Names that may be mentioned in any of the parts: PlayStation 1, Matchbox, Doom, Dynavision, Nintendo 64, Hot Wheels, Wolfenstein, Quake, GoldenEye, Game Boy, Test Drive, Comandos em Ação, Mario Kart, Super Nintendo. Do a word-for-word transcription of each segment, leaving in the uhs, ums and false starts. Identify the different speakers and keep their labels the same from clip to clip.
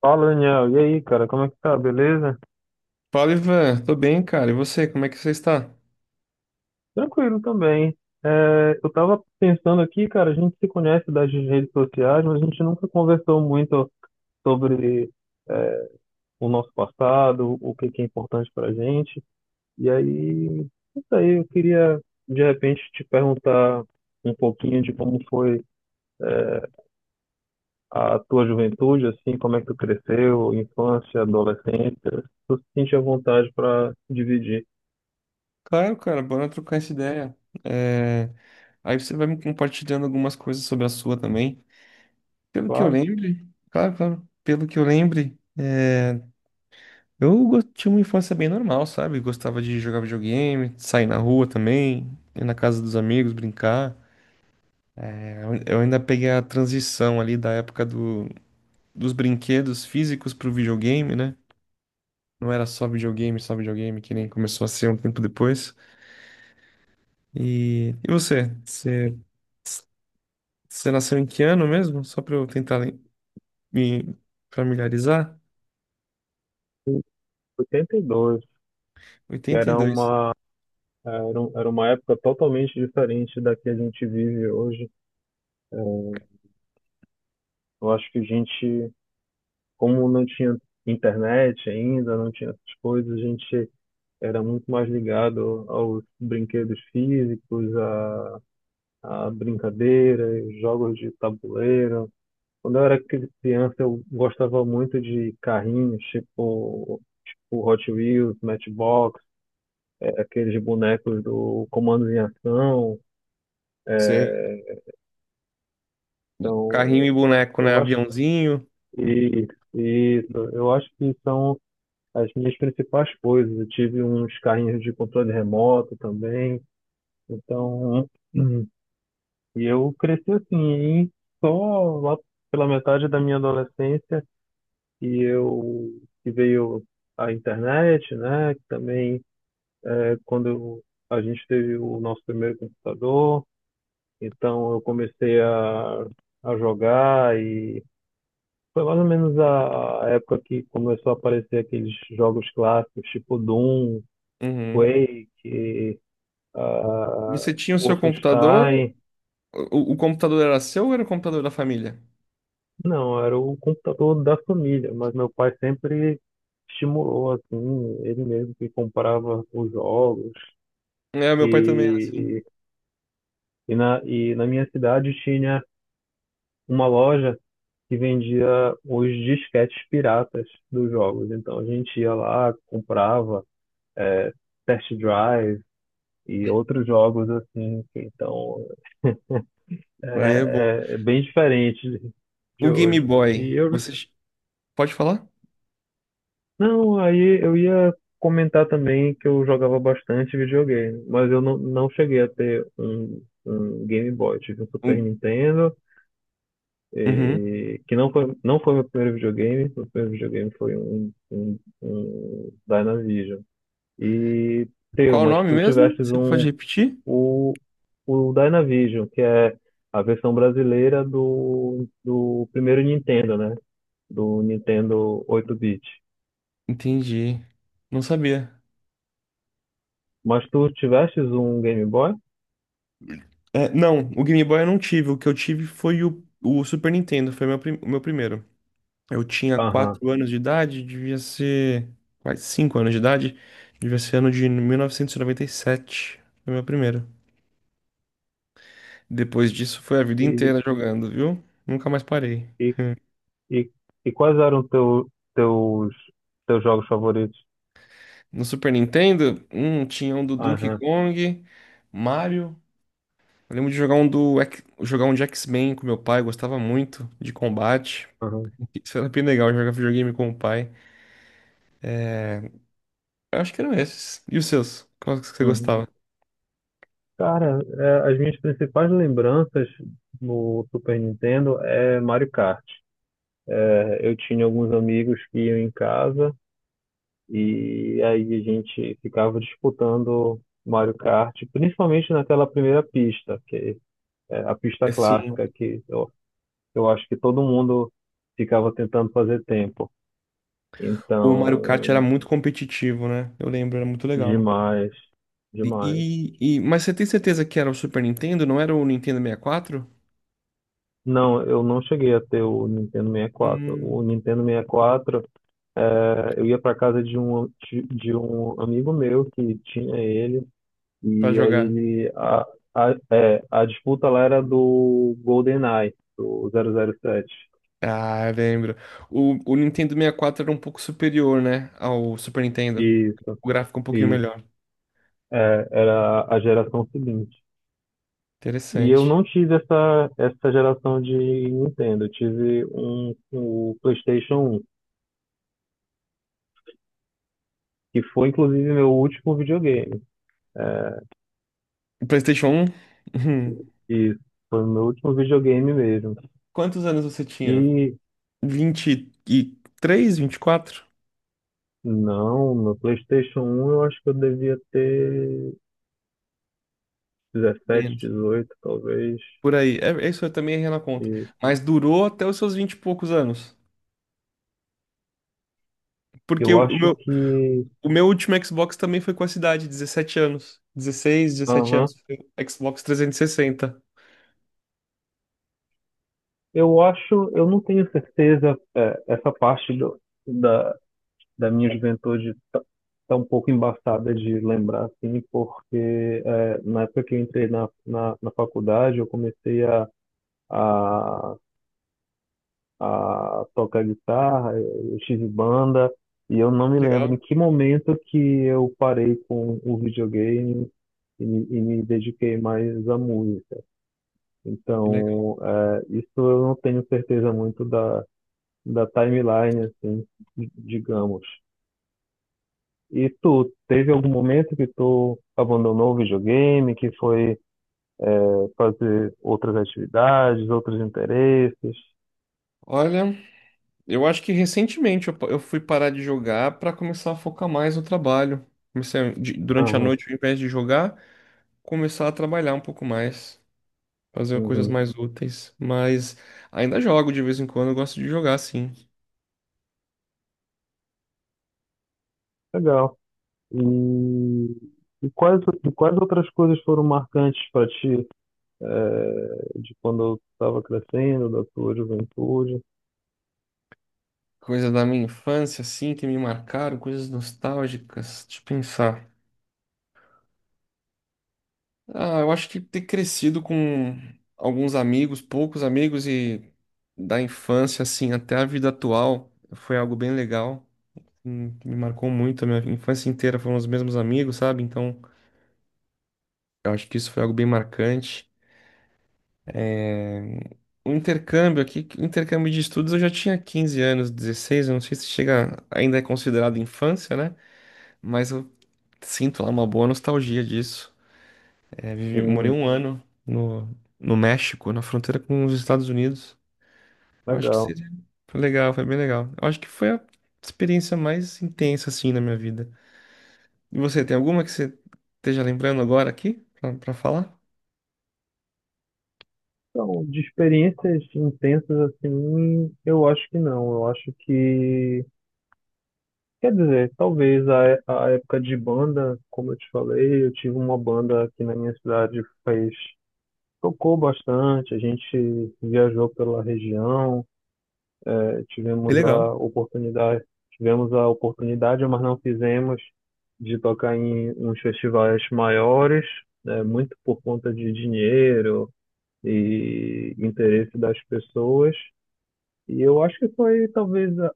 Speaker 1: Fala, Daniel. E aí, cara, como é que tá? Beleza?
Speaker 2: Fala, Ivan. Tô bem, cara. E você, como é que você está?
Speaker 1: Tranquilo também. É, eu tava pensando aqui, cara, a gente se conhece das redes sociais, mas a gente nunca conversou muito sobre é, o nosso passado, o que que é importante pra gente. E aí, isso aí, eu queria de repente te perguntar um pouquinho de como foi a tua juventude, assim, como é que tu cresceu, infância, adolescência. Tu se sente à vontade para dividir.
Speaker 2: Claro, cara, bora trocar essa ideia. É, Aí você vai me compartilhando algumas coisas sobre a sua também. Pelo que eu
Speaker 1: Claro,
Speaker 2: lembre, claro, claro. Pelo que eu lembre, é, eu go- tinha uma infância bem normal, sabe? Gostava de jogar videogame, sair na rua também, ir na casa dos amigos, brincar. É, Eu eu ainda peguei a transição ali da época do... dos brinquedos físicos pro videogame, né? Não era só videogame, só videogame, que nem começou a ser um tempo depois. E, e você? Você, você nasceu em que ano mesmo? Só pra eu tentar lem- me familiarizar.
Speaker 1: em oitenta e dois, que
Speaker 2: Oitenta e
Speaker 1: era
Speaker 2: dois.
Speaker 1: uma Era, um- era uma época totalmente diferente da que a gente vive hoje. Eu acho que a gente, como não tinha internet ainda, não tinha essas coisas, a gente era muito mais ligado aos brinquedos físicos, a, a brincadeiras, jogos de tabuleiro. Quando eu era cri- criança, eu gostava muito de carrinhos, tipo, tipo Hot Wheels, Matchbox, é, aqueles bonecos do Comandos em Ação.
Speaker 2: Sei. Carrinho
Speaker 1: Então,
Speaker 2: e boneco, né?
Speaker 1: eu acho
Speaker 2: Aviãozinho.
Speaker 1: E isso, eu acho que são as minhas principais coisas. Eu tive uns carrinhos de controle remoto também, então, hum, e eu cresci assim, e só lá pela metade da minha adolescência e eu que veio a internet, né? Que também é quando eu- a gente teve o nosso primeiro computador, então eu comecei a, a jogar. Foi mais ou menos a a época que começou a aparecer aqueles jogos clássicos, tipo Doom,
Speaker 2: Uhum.
Speaker 1: Quake,
Speaker 2: E
Speaker 1: ah,
Speaker 2: você tinha o seu computador?
Speaker 1: Wolfenstein.
Speaker 2: O, o computador era seu ou era o computador da família?
Speaker 1: Não, era o computador da família, mas meu pai sempre estimulou, assim, ele mesmo que comprava os jogos.
Speaker 2: É, meu pai também era assim.
Speaker 1: E, e, na, e na minha cidade tinha uma loja que vendia os disquetes piratas dos jogos. Então a gente ia lá, comprava, eh, Test Drive, e outros jogos assim, que então
Speaker 2: Aí é bom.
Speaker 1: é, é- é bem diferente de de
Speaker 2: O Game
Speaker 1: hoje.
Speaker 2: Boy,
Speaker 1: E eu,
Speaker 2: você ch- pode falar?
Speaker 1: não, aí eu ia comentar também que eu jogava bastante videogame, mas eu não, não cheguei a ter um, um Game Boy, tive um Super
Speaker 2: Um-
Speaker 1: Nintendo,
Speaker 2: Uhum.
Speaker 1: e, que não foi, não foi meu primeiro videogame, meu primeiro videogame foi um, um, um Dynavision. E teu,
Speaker 2: Qual o
Speaker 1: mas
Speaker 2: nome
Speaker 1: tu
Speaker 2: mesmo?
Speaker 1: tivestes
Speaker 2: Você pode
Speaker 1: um
Speaker 2: repetir?
Speaker 1: o, o Dynavision, que é a versão brasileira do, do primeiro Nintendo, né? Do Nintendo oito-bit.
Speaker 2: Entendi. Não sabia.
Speaker 1: Mas tu tivestes um Game Boy?
Speaker 2: É, não, o Game Boy eu não tive. O que eu tive foi o, o Super Nintendo, foi meu, prim- o meu primeiro. Eu tinha
Speaker 1: Aham.
Speaker 2: quatro anos de idade, devia ser. Quase cinco anos de idade, devia ser ano de mil novecentos e noventa e sete. Foi meu primeiro. Depois disso foi a vida
Speaker 1: E,
Speaker 2: inteira jogando, viu? Nunca mais parei.
Speaker 1: e, e, e quais eram teu, teus, teus jogos favoritos?
Speaker 2: No Super Nintendo, hum, tinha um do Donkey
Speaker 1: Aham,
Speaker 2: Kong, Mario. Eu lembro de jogar um do X- jogar um de X-Men com meu pai, gostava muito de combate.
Speaker 1: aham,
Speaker 2: Isso era bem legal jogar videogame com o pai. Eu acho que eram esses. E os seus? Quais que você
Speaker 1: uhum.
Speaker 2: gostava?
Speaker 1: Cara, é, as minhas principais lembranças no Super Nintendo é Mario Kart. É, eu tinha alguns amigos que iam em casa. E aí a gente ficava disputando Mario Kart, principalmente naquela primeira pista, que é a pista
Speaker 2: Assim,
Speaker 1: clássica, que eu, eu acho que todo mundo ficava tentando fazer tempo.
Speaker 2: o Mario Kart era
Speaker 1: Então,
Speaker 2: muito competitivo, né? Eu lembro, era muito legal.
Speaker 1: demais,
Speaker 2: E,
Speaker 1: demais.
Speaker 2: e, e- mas você tem certeza que era o Super Nintendo, não era o Nintendo sessenta e quatro?
Speaker 1: Não, eu não cheguei a ter o Nintendo sessenta e quatro. O
Speaker 2: Hum,
Speaker 1: Nintendo sessenta e quatro, eh, eu ia para casa de um, de de um amigo meu que tinha ele.
Speaker 2: pra
Speaker 1: E aí
Speaker 2: jogar.
Speaker 1: ele a, a, é, a disputa lá era do GoldenEye, do zero zero sete.
Speaker 2: Ah, eu lembro. O, o Nintendo sessenta e quatro era um pouco superior, né? Ao Super Nintendo.
Speaker 1: Isso,
Speaker 2: O gráfico um pouquinho
Speaker 1: isso.
Speaker 2: melhor.
Speaker 1: É, era a geração seguinte. E eu
Speaker 2: Interessante.
Speaker 1: não tive essa essa geração de Nintendo, eu tive um o PlayStation um, que foi inclusive meu último videogame.
Speaker 2: O PlayStation um. Uhum.
Speaker 1: Isso, foi meu último videogame mesmo.
Speaker 2: Quantos anos você tinha?
Speaker 1: E
Speaker 2: Vinte vinte e três, vinte e quatro?
Speaker 1: não, no PlayStation um eu acho que eu devia ter dezessete,
Speaker 2: Menos.
Speaker 1: dezoito, talvez.
Speaker 2: Por aí. É, é isso eu também errei na conta.
Speaker 1: E
Speaker 2: Mas durou até os seus vinte e poucos anos. Porque
Speaker 1: Eu
Speaker 2: o, o
Speaker 1: acho
Speaker 2: meu,
Speaker 1: que.
Speaker 2: o meu último Xbox também foi com essa idade, dezessete anos. Dezesseis, dezessete
Speaker 1: Aham.
Speaker 2: anos. Foi o Xbox trezentos e sessenta.
Speaker 1: Eu acho. Eu não tenho certeza. É, essa parte do- da, da minha juventude está um pouco embaçada de lembrar, assim, porque é, na época que eu entrei na, na, na faculdade, eu comecei a, a, a tocar guitarra, eu tive banda, e eu não me lembro em
Speaker 2: Legal,
Speaker 1: que momento que eu parei com o videogame e, e me dediquei mais à música.
Speaker 2: que legal.
Speaker 1: Então, é, isso eu não tenho certeza muito da, da timeline, assim, di- digamos. E tu, teve algum momento que tu abandonou o videogame, que foi, é, fazer outras atividades, outros interesses?
Speaker 2: Olha, eu acho que recentemente eu, pa- eu fui parar de jogar para começar a focar mais no trabalho. Comecei a- de- durante a
Speaker 1: Aham,
Speaker 2: noite, ao invés de jogar, começar a trabalhar um pouco mais, fazer coisas
Speaker 1: uhum.
Speaker 2: mais úteis. Mas ainda jogo de vez em quando, eu gosto de jogar, sim.
Speaker 1: Legal. E, e quais, e quais outras coisas foram marcantes para ti, é, de quando eu estava crescendo, da tua juventude?
Speaker 2: Coisas da minha infância, assim, que me marcaram, coisas nostálgicas. Deixa eu pensar. Ah, eu acho que ter crescido com alguns amigos, poucos amigos, e da infância, assim, até a vida atual, foi algo bem legal. Hum, Me marcou muito. A minha infância inteira foram os mesmos amigos, sabe? Então, eu acho que isso foi algo bem marcante. O intercâmbio aqui, o intercâmbio de estudos, eu já tinha quinze anos, dezesseis eu não sei se chega, ainda é considerado infância, né? Mas eu sinto lá uma boa nostalgia disso. É, vivi- morei
Speaker 1: Hum,
Speaker 2: um ano no, no México, na fronteira com os Estados Unidos. Eu acho que
Speaker 1: legal.
Speaker 2: seria. Foi legal, foi bem legal. Eu acho que foi a experiência mais intensa, assim, na minha vida. E você, tem alguma que você esteja lembrando agora aqui pra, pra falar?
Speaker 1: Então, de experiências intensas assim, eu acho que não. Eu acho que, quer dizer, talvez a, é- a época de banda, como eu te falei, eu tive uma banda aqui na minha cidade, fez tocou bastante, a gente viajou pela região, eh,
Speaker 2: Que
Speaker 1: tivemos
Speaker 2: legal.
Speaker 1: a oportunidade, tivemos a oportunidade, mas não fizemos, de tocar em uns festivais maiores, né, muito por conta de dinheiro e interesse das pessoas. E eu acho que foi talvez a,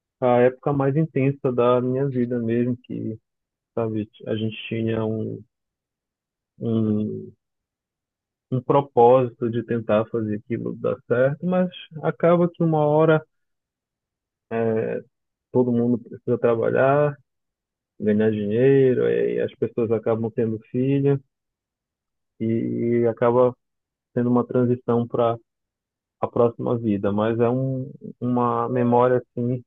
Speaker 1: a época mais intensa da minha vida mesmo, que, sabe, a gente tinha um, um, um propósito de tentar fazer aquilo dar certo, mas acaba que uma hora é, todo mundo precisa trabalhar, ganhar dinheiro, e as pessoas acabam tendo filho, e acaba sendo uma transição para a próxima vida, mas é um, uma memória assim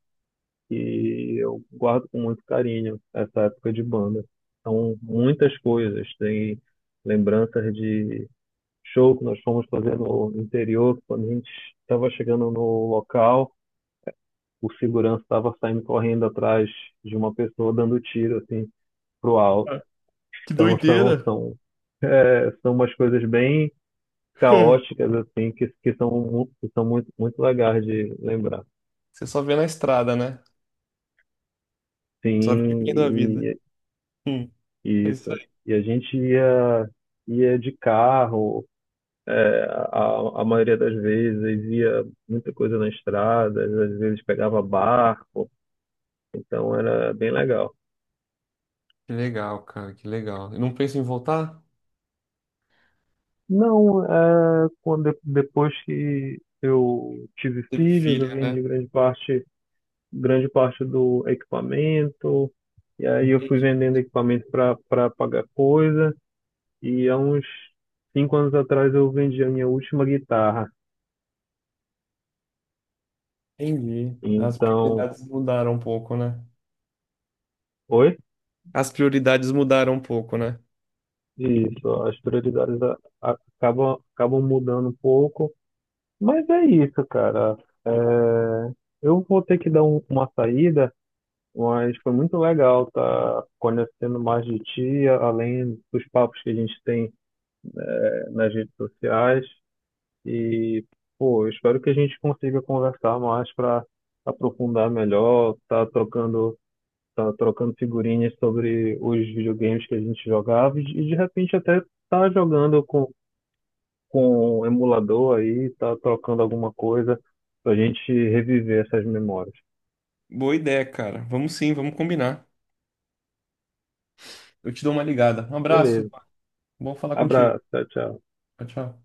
Speaker 1: que eu guardo com muito carinho, essa época de banda. São muitas coisas, tem lembranças de show que nós fomos fazer no interior, quando a gente estava chegando no local, o segurança estava saindo correndo atrás de uma pessoa dando tiro assim pro alto.
Speaker 2: Ah, que
Speaker 1: Então são
Speaker 2: doideira.
Speaker 1: são é, são umas coisas bem caóticas assim que que são mu- que são muito muito legais de lembrar.
Speaker 2: Você só vê na estrada, né? Só vê
Speaker 1: Sim,
Speaker 2: vivendo a vida.
Speaker 1: e
Speaker 2: Hum, é
Speaker 1: Isso.
Speaker 2: isso aí.
Speaker 1: E a gente ia, ia de carro, é, a, a maioria das vezes ia muita coisa na estrada, às vezes pegava barco, então era bem legal.
Speaker 2: Que legal, cara, que legal. E não pensa em voltar?
Speaker 1: Não, é, quando, depois que eu tive
Speaker 2: Teve
Speaker 1: filhos,
Speaker 2: filho,
Speaker 1: eu
Speaker 2: né?
Speaker 1: vendi grande parte, grande parte do equipamento, e aí eu fui
Speaker 2: Entendi.
Speaker 1: vendendo equipamento para para pagar coisa, e há uns cinco anos atrás eu vendi a minha última guitarra.
Speaker 2: Entendi. As
Speaker 1: Então,
Speaker 2: prioridades mudaram um pouco, né?
Speaker 1: oi?
Speaker 2: As prioridades mudaram um pouco, né?
Speaker 1: Isso, as prioridades a- a- acabam, acabam mudando um pouco, mas é isso, cara. É, eu vou ter que dar um- uma saída, mas foi muito legal tá conhecendo mais de ti, além dos papos que a gente tem é, nas redes sociais. E, pô, eu espero que a gente consiga conversar mais para aprofundar melhor, tá trocando, tá trocando figurinhas sobre os videogames que a gente jogava e, de e de repente até tá jogando com com o emulador aí, tá trocando alguma coisa pra gente reviver essas memórias.
Speaker 2: Boa ideia, cara. Vamos sim, vamos combinar. Eu te dou uma ligada. Um abraço.
Speaker 1: Beleza.
Speaker 2: Bom falar contigo.
Speaker 1: Abraço, tchau, tchau.
Speaker 2: Tchau, tchau.